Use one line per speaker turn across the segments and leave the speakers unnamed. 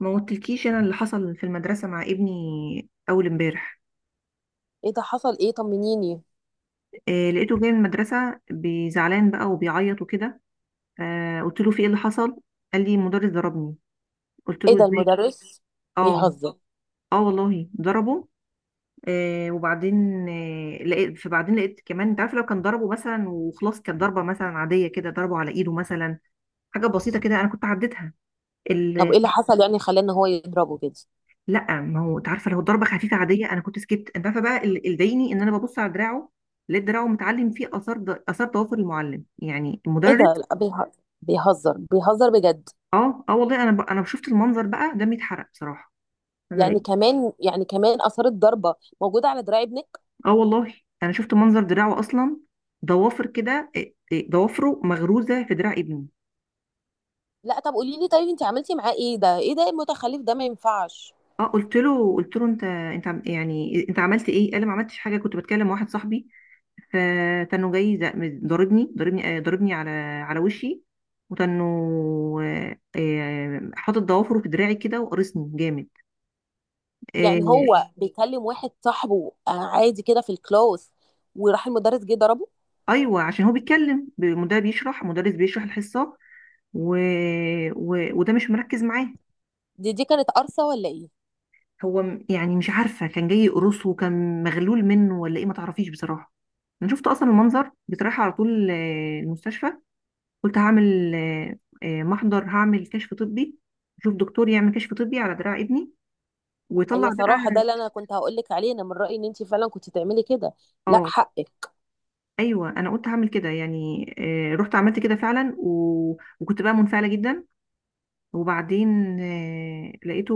ما قلتلكيش انا اللي حصل في المدرسه مع ابني اول امبارح؟
ايه ده، حصل ايه؟ طمنيني.
لقيته جاي من المدرسه بزعلان بقى وبيعيط وكده. قلت له في ايه اللي حصل. قال لي المدرس ضربني. قلت
ايه
له
ده
ازاي.
المدرس
اه،
بيهزر؟
اه، والله ضربه. وبعدين. آه لقيت فبعدين لقيت كمان، انت عارف، لو كان ضربه مثلا وخلاص، كانت ضربه مثلا عاديه كده، ضربه على ايده مثلا، حاجه بسيطه كده، انا كنت عديتها.
طب ايه اللي حصل يعني خلاه ان هو يضربه كده؟
لا، ما هو انت عارفه، لو ضربه خفيفه عاديه انا كنت سكت، انت عارفه بقى اللي ضايقني ان انا ببص على دراعه. لقيت دراعه متعلم فيه اثار ضوافر المعلم، يعني
ايه
المدرس.
ده بيهزر بيهزر بجد؟
اه، اه، والله انا شفت المنظر، بقى دمي اتحرق بصراحه. انا لقيت
يعني كمان، يعني كمان اثارت ضربه موجوده على دراع ابنك؟
اه، والله انا شفت منظر دراعه اصلا، ضوافر كده، إيه، إيه، ضوافره مغروزه في دراع ابني.
لا طب قولي لي. طيب انت عملتي معاه ايه؟ ده ايه ده المتخلف ده ما ينفعش.
اه، قلت له انت يعني انت عملت ايه؟ قال لي ما عملتش حاجه، كنت بتكلم مع واحد صاحبي، فكانوا جاي ضربني، ضربني، ضربني على وشي. وكانوا حاطط ضوافره في دراعي كده، وقرصني جامد.
يعني
آه،
هو بيكلم واحد صاحبه، آه، عادي كده في الكلاس، وراح المدرس جه ضربه.
ايوه، عشان هو بيتكلم، المدرب بيشرح مدرس بيشرح الحصه و... وده مش مركز معاه.
دي دي كانت قرصه ولا ايه؟
يعني مش عارفه، كان جاي يقرصه، كان مغلول منه ولا ايه، ما تعرفيش بصراحه. انا شفت اصلا المنظر بصراحه، على طول المستشفى. قلت هعمل محضر، هعمل كشف طبي، شوف دكتور يعمل كشف طبي على دراع ابني، وطلع
ايوه
بقى.
صراحه، ده اللي انا كنت هقول لك عليه. انا من رايي ان انت فعلا كنت تعملي كده. لا
اه،
حقك.
ايوه، انا قلت هعمل كده يعني. رحت عملت كده فعلا، وكنت بقى منفعله جدا. وبعدين لقيته،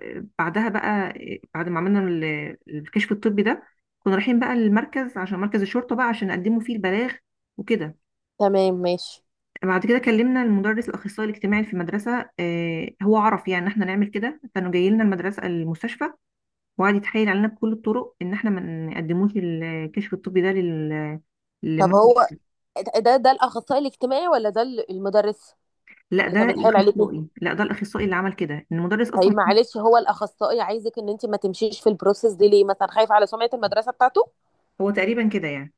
بعدها بقى، بعد ما عملنا الكشف الطبي ده، كنا رايحين بقى المركز، عشان مركز الشرطه بقى، عشان نقدمه فيه البلاغ وكده.
تمام ماشي.
بعد كده كلمنا المدرس، الاخصائي الاجتماعي في المدرسه، هو عرف يعني ان احنا نعمل كده، كانوا جاي لنا المدرسه المستشفى، وقعد يتحايل علينا بكل الطرق ان احنا ما نقدموش الكشف الطبي ده
طب
لل
هو، ده ده الاخصائي الاجتماعي ولا ده المدرس
لا،
اللي كان بيتحايل عليكي؟
ده الاخصائي اللي عمل كده، إن المدرس اصلا
طيب معلش، هو الاخصائي عايزك ان انت ما تمشيش في البروسيس دي ليه؟ مثلا خايف على سمعه المدرسه بتاعته؟
هو تقريبا كده يعني.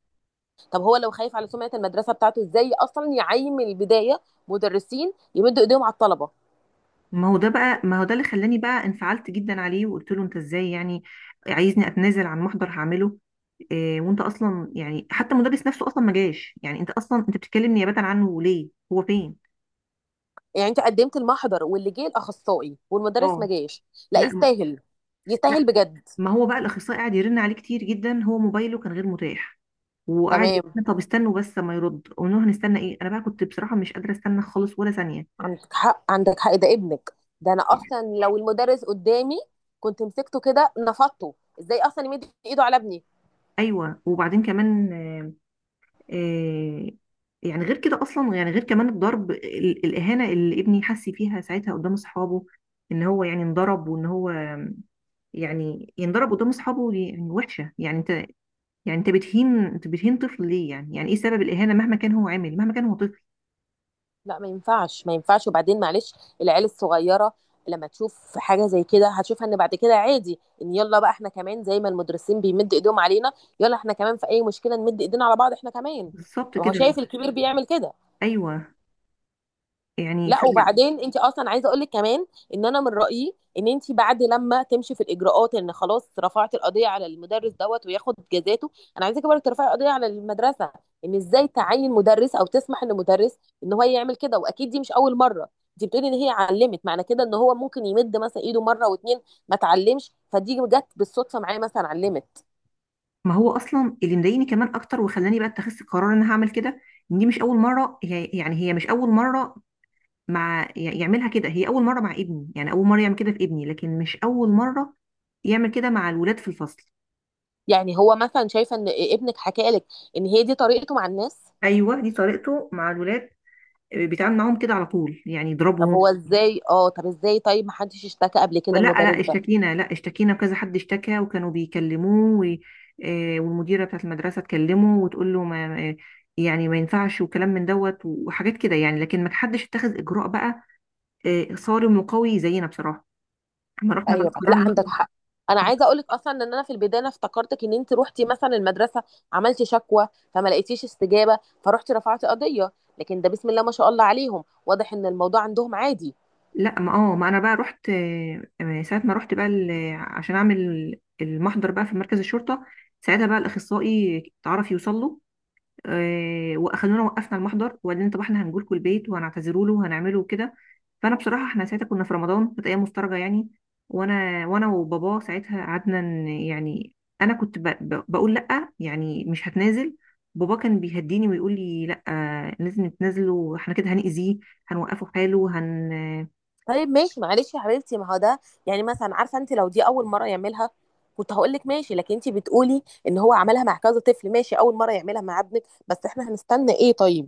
طب هو لو خايف على سمعه المدرسه بتاعته، ازاي اصلا يعين من البدايه مدرسين يمدوا ايديهم على الطلبه؟
ما هو ده اللي خلاني بقى انفعلت جدا عليه، وقلت له انت ازاي يعني عايزني اتنازل عن محضر هعمله؟ إيه وانت اصلا يعني، حتى المدرس نفسه اصلا ما جاش يعني، انت اصلا انت بتتكلم نيابه عنه ليه، هو فين؟
يعني انت قدمت المحضر واللي جه الاخصائي والمدرس ما
اه.
جاش. لا
لا م-
يستاهل. يستاهل
لا،
بجد.
ما هو بقى الاخصائي قاعد يرن عليه كتير جدا، هو موبايله كان غير متاح، وقاعد يقول
تمام،
لنا طب استنوا بس ما يرد، قلنا له هنستنى ايه، انا بقى كنت بصراحه مش قادره استنى خالص ولا ثانيه.
عندك حق، عندك حق، ده ابنك. ده انا اصلا لو المدرس قدامي كنت مسكته كده نفضته. ازاي اصلا يمد ايده على ابني؟
ايوه، وبعدين كمان آه، يعني غير كده اصلا، يعني غير كمان الضرب، الاهانه اللي ابني حس فيها ساعتها قدام اصحابه، ان هو يعني انضرب، وان هو يعني ينضرب قدام اصحابه، دي يعني وحشه يعني، انت بتهين طفل ليه يعني، يعني ايه سبب الاهانه، مهما كان هو عامل، مهما كان هو طفل.
لا ما ينفعش، ما ينفعش. وبعدين معلش، العيال الصغيره لما تشوف حاجه زي كده هتشوفها ان بعد كده عادي، ان يلا بقى احنا كمان زي ما المدرسين بيمد ايدهم علينا، يلا احنا كمان في اي مشكله نمد ايدينا على بعض احنا كمان.
بالظبط
ما هو
كده.
شايف الكبير بيعمل كده.
ايوه يعني
لا وبعدين انت اصلا عايزه اقول لك كمان، ان انا من رايي ان انت بعد لما تمشي في الاجراءات ان خلاص رفعت القضيه على المدرس دوت وياخد جزاته، انا عايزاكي برضه ترفعي القضيه على المدرسه، ان ازاي تعين مدرس او تسمح لمدرس ان هو يعمل كده؟ واكيد دي مش اول مره، انت بتقولي ان هي علمت، معنى كده ان هو ممكن يمد مثلا ايده مره واتنين. ما اتعلمش، فدي جت بالصدفه معايا مثلا علمت.
ما هو اصلا اللي مضايقني كمان اكتر وخلاني بقى اتخذت قرار ان انا هعمل كده، ان دي مش اول مره، هي مش اول مره مع يعملها كده، هي اول مره مع ابني، يعني اول مره يعمل كده في ابني، لكن مش اول مره يعمل كده مع الولاد في الفصل.
يعني هو مثلا شايفه ان ابنك حكى لك ان هي دي طريقته مع الناس؟
ايوه، دي طريقته مع الولاد، بيتعامل معاهم كده على طول، يعني
طب
يضربهم.
هو ازاي، اه طب ازاي؟ طيب ما حدش اشتكى قبل
لا،
كده
لا
المدرس ده؟
اشتكينا، لا اشتكينا، وكذا حد اشتكى، وكانوا بيكلموه والمديره بتاعت المدرسه تكلمه وتقول له ما آه، يعني ما ينفعش، وكلام من دوت وحاجات كده يعني، لكن ما حدش اتخذ اجراء بقى صارم وقوي زينا بصراحه. احنا رحنا بقى
ايوه، لا
قررنا.
عندك حق. انا عايزه اقولك اصلا ان انا في البدايه، أنا افتكرتك ان انت روحتي مثلا المدرسه عملتي شكوى، فما لقيتيش استجابه فروحتي رفعتي قضيه. لكن ده بسم الله ما شاء الله عليهم، واضح ان الموضوع عندهم عادي.
لا، ما انا بقى رحت، ساعه ما رحت بقى عشان اعمل المحضر بقى في مركز الشرطه، ساعتها بقى الاخصائي اتعرف يوصل له، واخدونا وقفنا المحضر، وبعدين طب احنا هنجي لكم البيت وهنعتذروا له وهنعمله وكده. فانا بصراحه، احنا ساعتها كنا في رمضان، كانت ايام مفترجه يعني، وانا وبابا ساعتها قعدنا يعني، انا كنت بقول لا، يعني مش هتنازل. بابا كان بيهديني ويقول لي لا لازم تنزله، احنا كده هنأذيه، هنوقفه حاله، هن.
طيب ماشي معلش يا حبيبتي، ما هو ده يعني، مثلا عارفه، انت لو دي اول مره يعملها كنت هقول لك ماشي، لكن انت بتقولي ان هو عملها مع كذا طفل. ماشي اول مره يعملها مع ابنك، بس احنا هنستنى ايه طيب؟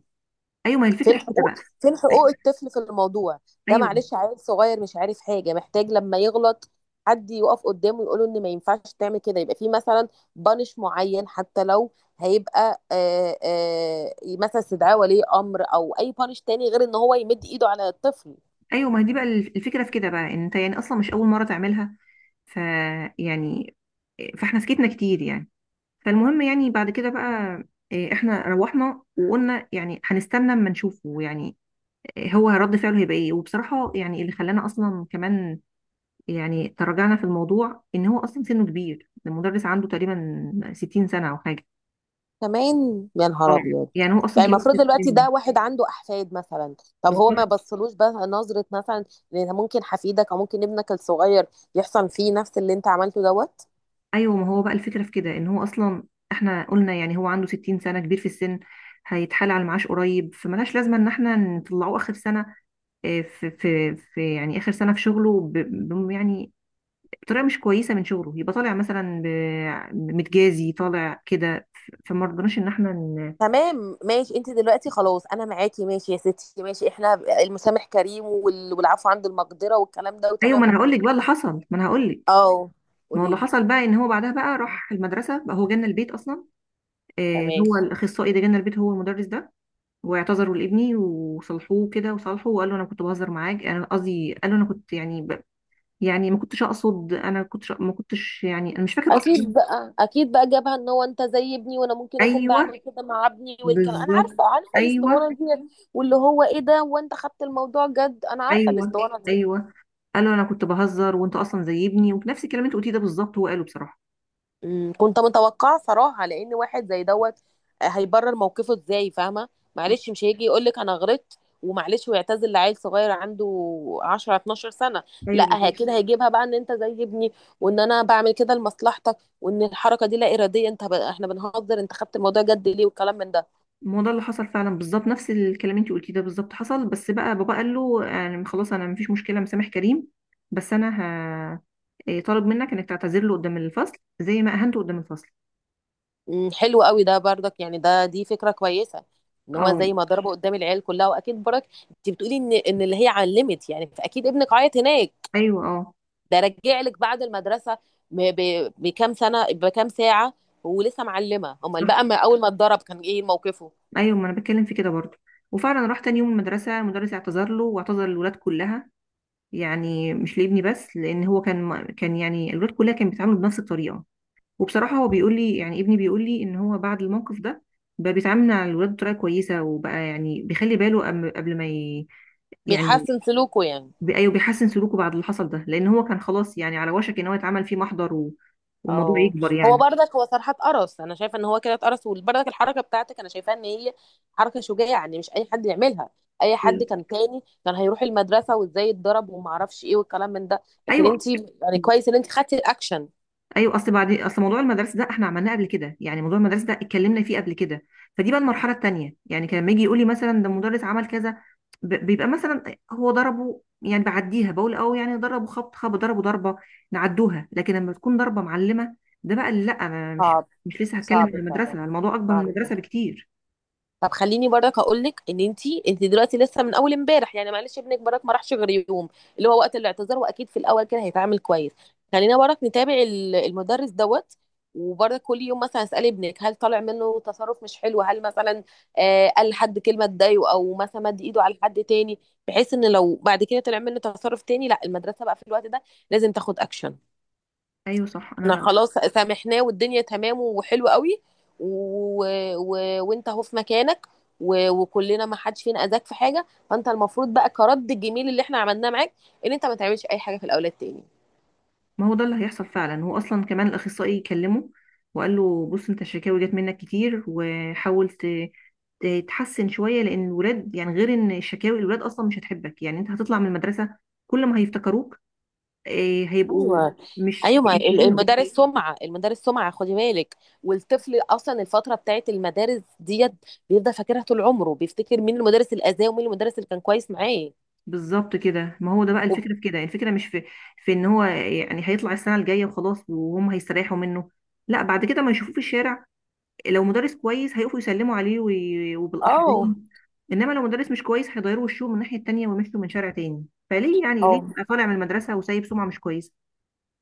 ايوه، ما هي الفكره
فين
في كده
حقوق،
بقى.
فين حقوق الطفل في الموضوع؟ ده
ايوه،
معلش عيل صغير مش عارف حاجه، محتاج لما يغلط حد يقف قدامه يقوله ان ما ينفعش تعمل كده، يبقى في مثلا بانش معين، حتى لو هيبقى، آه آه، مثلا استدعاء ولي امر، او اي بانش تاني غير ان هو يمد ايده على الطفل.
ايوه، ما هي دي بقى الفكره في كده بقى، ان انت يعني اصلا مش اول مره تعملها. ف يعني فاحنا سكتنا كتير يعني. فالمهم يعني بعد كده بقى، احنا روحنا وقلنا يعني هنستنى اما نشوفه، يعني هو رد فعله هيبقى ايه. وبصراحه يعني اللي خلانا اصلا كمان يعني تراجعنا في الموضوع، ان هو اصلا سنه كبير، المدرس عنده تقريبا 60 سنه او حاجه.
كمان يا
اه
نهار ابيض.
يعني هو اصلا
يعني
كبير في
المفروض دلوقتي
السن.
ده واحد عنده احفاد مثلا. طب هو ما
بالظبط.
بصلوش بقى نظره مثلا؟ لان ممكن حفيدك او ممكن ابنك الصغير يحصل فيه نفس اللي انت عملته دوت.
ايوه، ما هو بقى الفكره في كده، ان هو اصلا احنا قلنا يعني هو عنده 60 سنه، كبير في السن، هيتحال على المعاش قريب، فملهاش لازمه ان احنا نطلعه اخر سنه في، يعني اخر سنه في شغله، يعني بطريقه مش كويسه من شغله، يبقى طالع مثلا متجازي، طالع كده فما رضناش ان احنا ن...
تمام ماشي. انت دلوقتي خلاص، انا معاكي، ماشي يا ستي، ماشي. احنا المسامح كريم، والعفو عند المقدرة والكلام ده،
ايوه، ما
وتمام
انا هقول
اوكي.
لك بقى اللي حصل، ما انا هقول لك.
اه
ما هو
قولي
اللي
لي.
حصل بقى ان هو بعدها بقى راح المدرسه بقى، هو جالنا البيت اصلا،
تمام،
هو الاخصائي ده جالنا البيت، هو المدرس ده، واعتذروا لابني وصلحوه كده وصالحوه، وقال له انا كنت بهزر معاك، انا قصدي، قال له انا كنت يعني يعني ما كنتش اقصد، انا كنت ما كنتش يعني، انا مش فاكر اصلا.
اكيد بقى، اكيد بقى جابها ان هو انت زي ابني، وانا ممكن اكون
ايوه،
بعمل كده مع ابني والكلام. انا
بالظبط.
عارفه، عارفه
ايوه،
الاسطوانه دي. واللي هو ايه ده، وانت خدت الموضوع جد. انا عارفه
ايوه،
الاسطوانه دي.
ايوه. قال له انا كنت بهزر وانت اصلا زي ابني، ونفس الكلام اللي انت قلتيه ده بالظبط هو قاله بصراحه.
مم، كنت متوقعه صراحه لان واحد زي دوت، هيبرر موقفه ازاي، فاهمه؟
مم.
معلش مش هيجي يقول لك انا غلطت ومعلش ويعتذر لعيل صغير عنده 10 12 سنه.
ايوه،
لا،
بالظبط.
كده هيجيبها بقى ان انت زي ابني، وان انا بعمل كده لمصلحتك، وان الحركه دي لا اراديه، انت احنا بنهزر، انت خدت الموضوع جد ليه، والكلام من ده.
ما هو ده اللي حصل فعلا بالظبط، نفس الكلام اللي انت قلتيه ده بالظبط حصل، بس بقى بابا قال له يعني خلاص، انا مفيش مشكله، مسامح كريم، بس انا ه... طالب منك انك تعتذر له قدام الفصل زي ما اهنته قدام الفصل.
مم، حلو قوي ده برضك، يعني ده دي فكره كويسه، ان هو
اه،
زي ما ضربه قدام العيال كلها، واكيد برك انت بتقولي ان اللي هي علمت، يعني فاكيد ابنك عيط هناك.
ايوه، اه،
ده رجع لك بعد المدرسه بكام سنه، بكام ساعه؟ ولسه معلمه، امال بقى
صح،
ما اول ما اتضرب كان ايه موقفه؟
ايوه، ما انا بتكلم في كده برضو. وفعلا راح تاني يوم المدرسه، المدرس اعتذر له واعتذر للولاد كلها، يعني مش لابني بس، لان هو كان كان يعني الولاد كلها كانت بتتعامل بنفس الطريقه. وبصراحه هو بيقول لي، يعني ابني بيقول لي ان هو بعد الموقف ده بقى بيتعامل مع الولاد بطريقه كويسه، وبقى يعني بيخلي باله قبل ما يعني
بيحسن سلوكه يعني؟
ايوه، بيحسن سلوكه بعد اللي حصل ده، لان هو كان خلاص يعني على وشك ان هو يتعمل فيه محضر والموضوع
او
يكبر
هو
يعني.
بردك، هو صراحه اتقرص، انا شايفه ان هو كده اتقرص، وبردك الحركه بتاعتك انا شايفاها ان هي حركه شجاعه، يعني مش اي حد يعملها. اي حد كان تاني كان هيروح المدرسه، وازاي اتضرب، وما اعرفش ايه، والكلام من ده. لكن
ايوه،
انت، يعني كويس ان انت خدتي الاكشن.
ايوه، اصل موضوع المدارس ده احنا عملناه قبل كده، يعني موضوع المدارس ده اتكلمنا فيه قبل كده. فدي بقى المرحله التانيه يعني، كان لما يجي يقول لي مثلا ده المدرس عمل كذا، بيبقى مثلا هو ضربه، يعني بعديها بقول اه، يعني ضربه، خبط خبط، ضربه ضربه، نعدوها. لكن لما تكون ضربه معلمه، ده بقى اللي، لا، انا
صعب.
مش لسه هتكلم
صعب
عن المدرسه،
فعلا.
الموضوع اكبر من
صعب.
المدرسه بكتير.
طب خليني برضك هقول لك ان انت، انت دلوقتي لسه من اول امبارح، يعني معلش ابنك برضك ما راحش غير يوم، اللي هو وقت الاعتذار، واكيد في الاول كده هيتعامل كويس. خلينا برضك نتابع المدرس دوت، وبرضك كل يوم مثلا اسال ابنك هل طالع منه تصرف مش حلو، هل مثلا آه قال لحد كلمه تضايقه، او مثلا مد ايده على حد تاني، بحيث ان لو بعد كده طلع منه تصرف تاني، لا المدرسه بقى في الوقت ده لازم تاخد اكشن.
ايوه، صح،
احنا
انا،
خلاص سامحناه، والدنيا تمام وحلو قوي، و... و... وانت اهو في مكانك، وكلنا ما حدش فينا اذاك في حاجه، فانت المفروض بقى كرد الجميل اللي احنا عملناه معاك، ان انت ما تعملش اي حاجه في الاولاد تاني.
ما هو ده اللي هيحصل فعلا. هو اصلا كمان الاخصائي كلمه، وقال له بص انت الشكاوي جت منك كتير، وحاولت تحسن شويه، لان الولاد يعني، غير ان شكاوي الولاد اصلا مش هتحبك، يعني انت هتطلع من المدرسه كل ما هيفتكروك هيبقوا
ايوه، ايوه.
مش
ما
لاقينك.
المدارس سمعه، المدارس سمعه، خدي بالك. والطفل اصلا الفتره بتاعت المدارس ديت بيفضل فاكرها طول عمره، بيفتكر مين المدرس الاذاه، ومين المدرس اللي كان كويس معاه.
بالظبط كده، ما هو ده بقى
وب-
الفكره في كده، الفكره مش في ان هو يعني هيطلع السنه الجايه وخلاص، وهم هيستريحوا منه، لا، بعد كده ما يشوفوه في الشارع، لو مدرس كويس هيقفوا يسلموا عليه وبالاحضان،
اه
انما لو مدرس مش كويس هيغيروا وشهم من الناحيه التانيه ويمشوا من شارع تاني، فليه يعني، ليه
اه.
تبقى طالع من المدرسه وسايب سمعه مش كويسه؟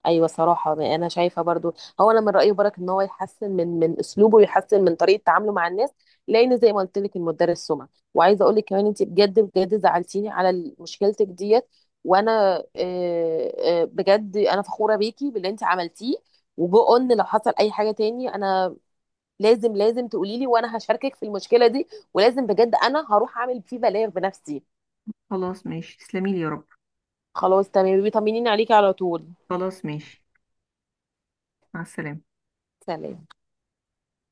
ايوه صراحه، ما انا شايفه برضو. هو انا من رايي برك ان هو يحسن من اسلوبه، ويحسن من طريقه تعامله مع الناس، لان زي ما قلت لك المدرس سمع. وعايزه اقول لك كمان، انت بجد بجد زعلتيني على مشكلتك ديت. وانا بجد انا فخوره بيكي باللي انت عملتيه. وجو قلنا لو حصل اي حاجه تاني، انا لازم، لازم تقولي لي، وانا هشاركك في المشكله دي. ولازم بجد انا هروح اعمل فيه بلاغ بنفسي.
خلاص ماشي، تسلمي لي يا رب.
خلاص تمام بيطمنيني عليكي على طول.
خلاص ماشي. مع السلامة.
سلام.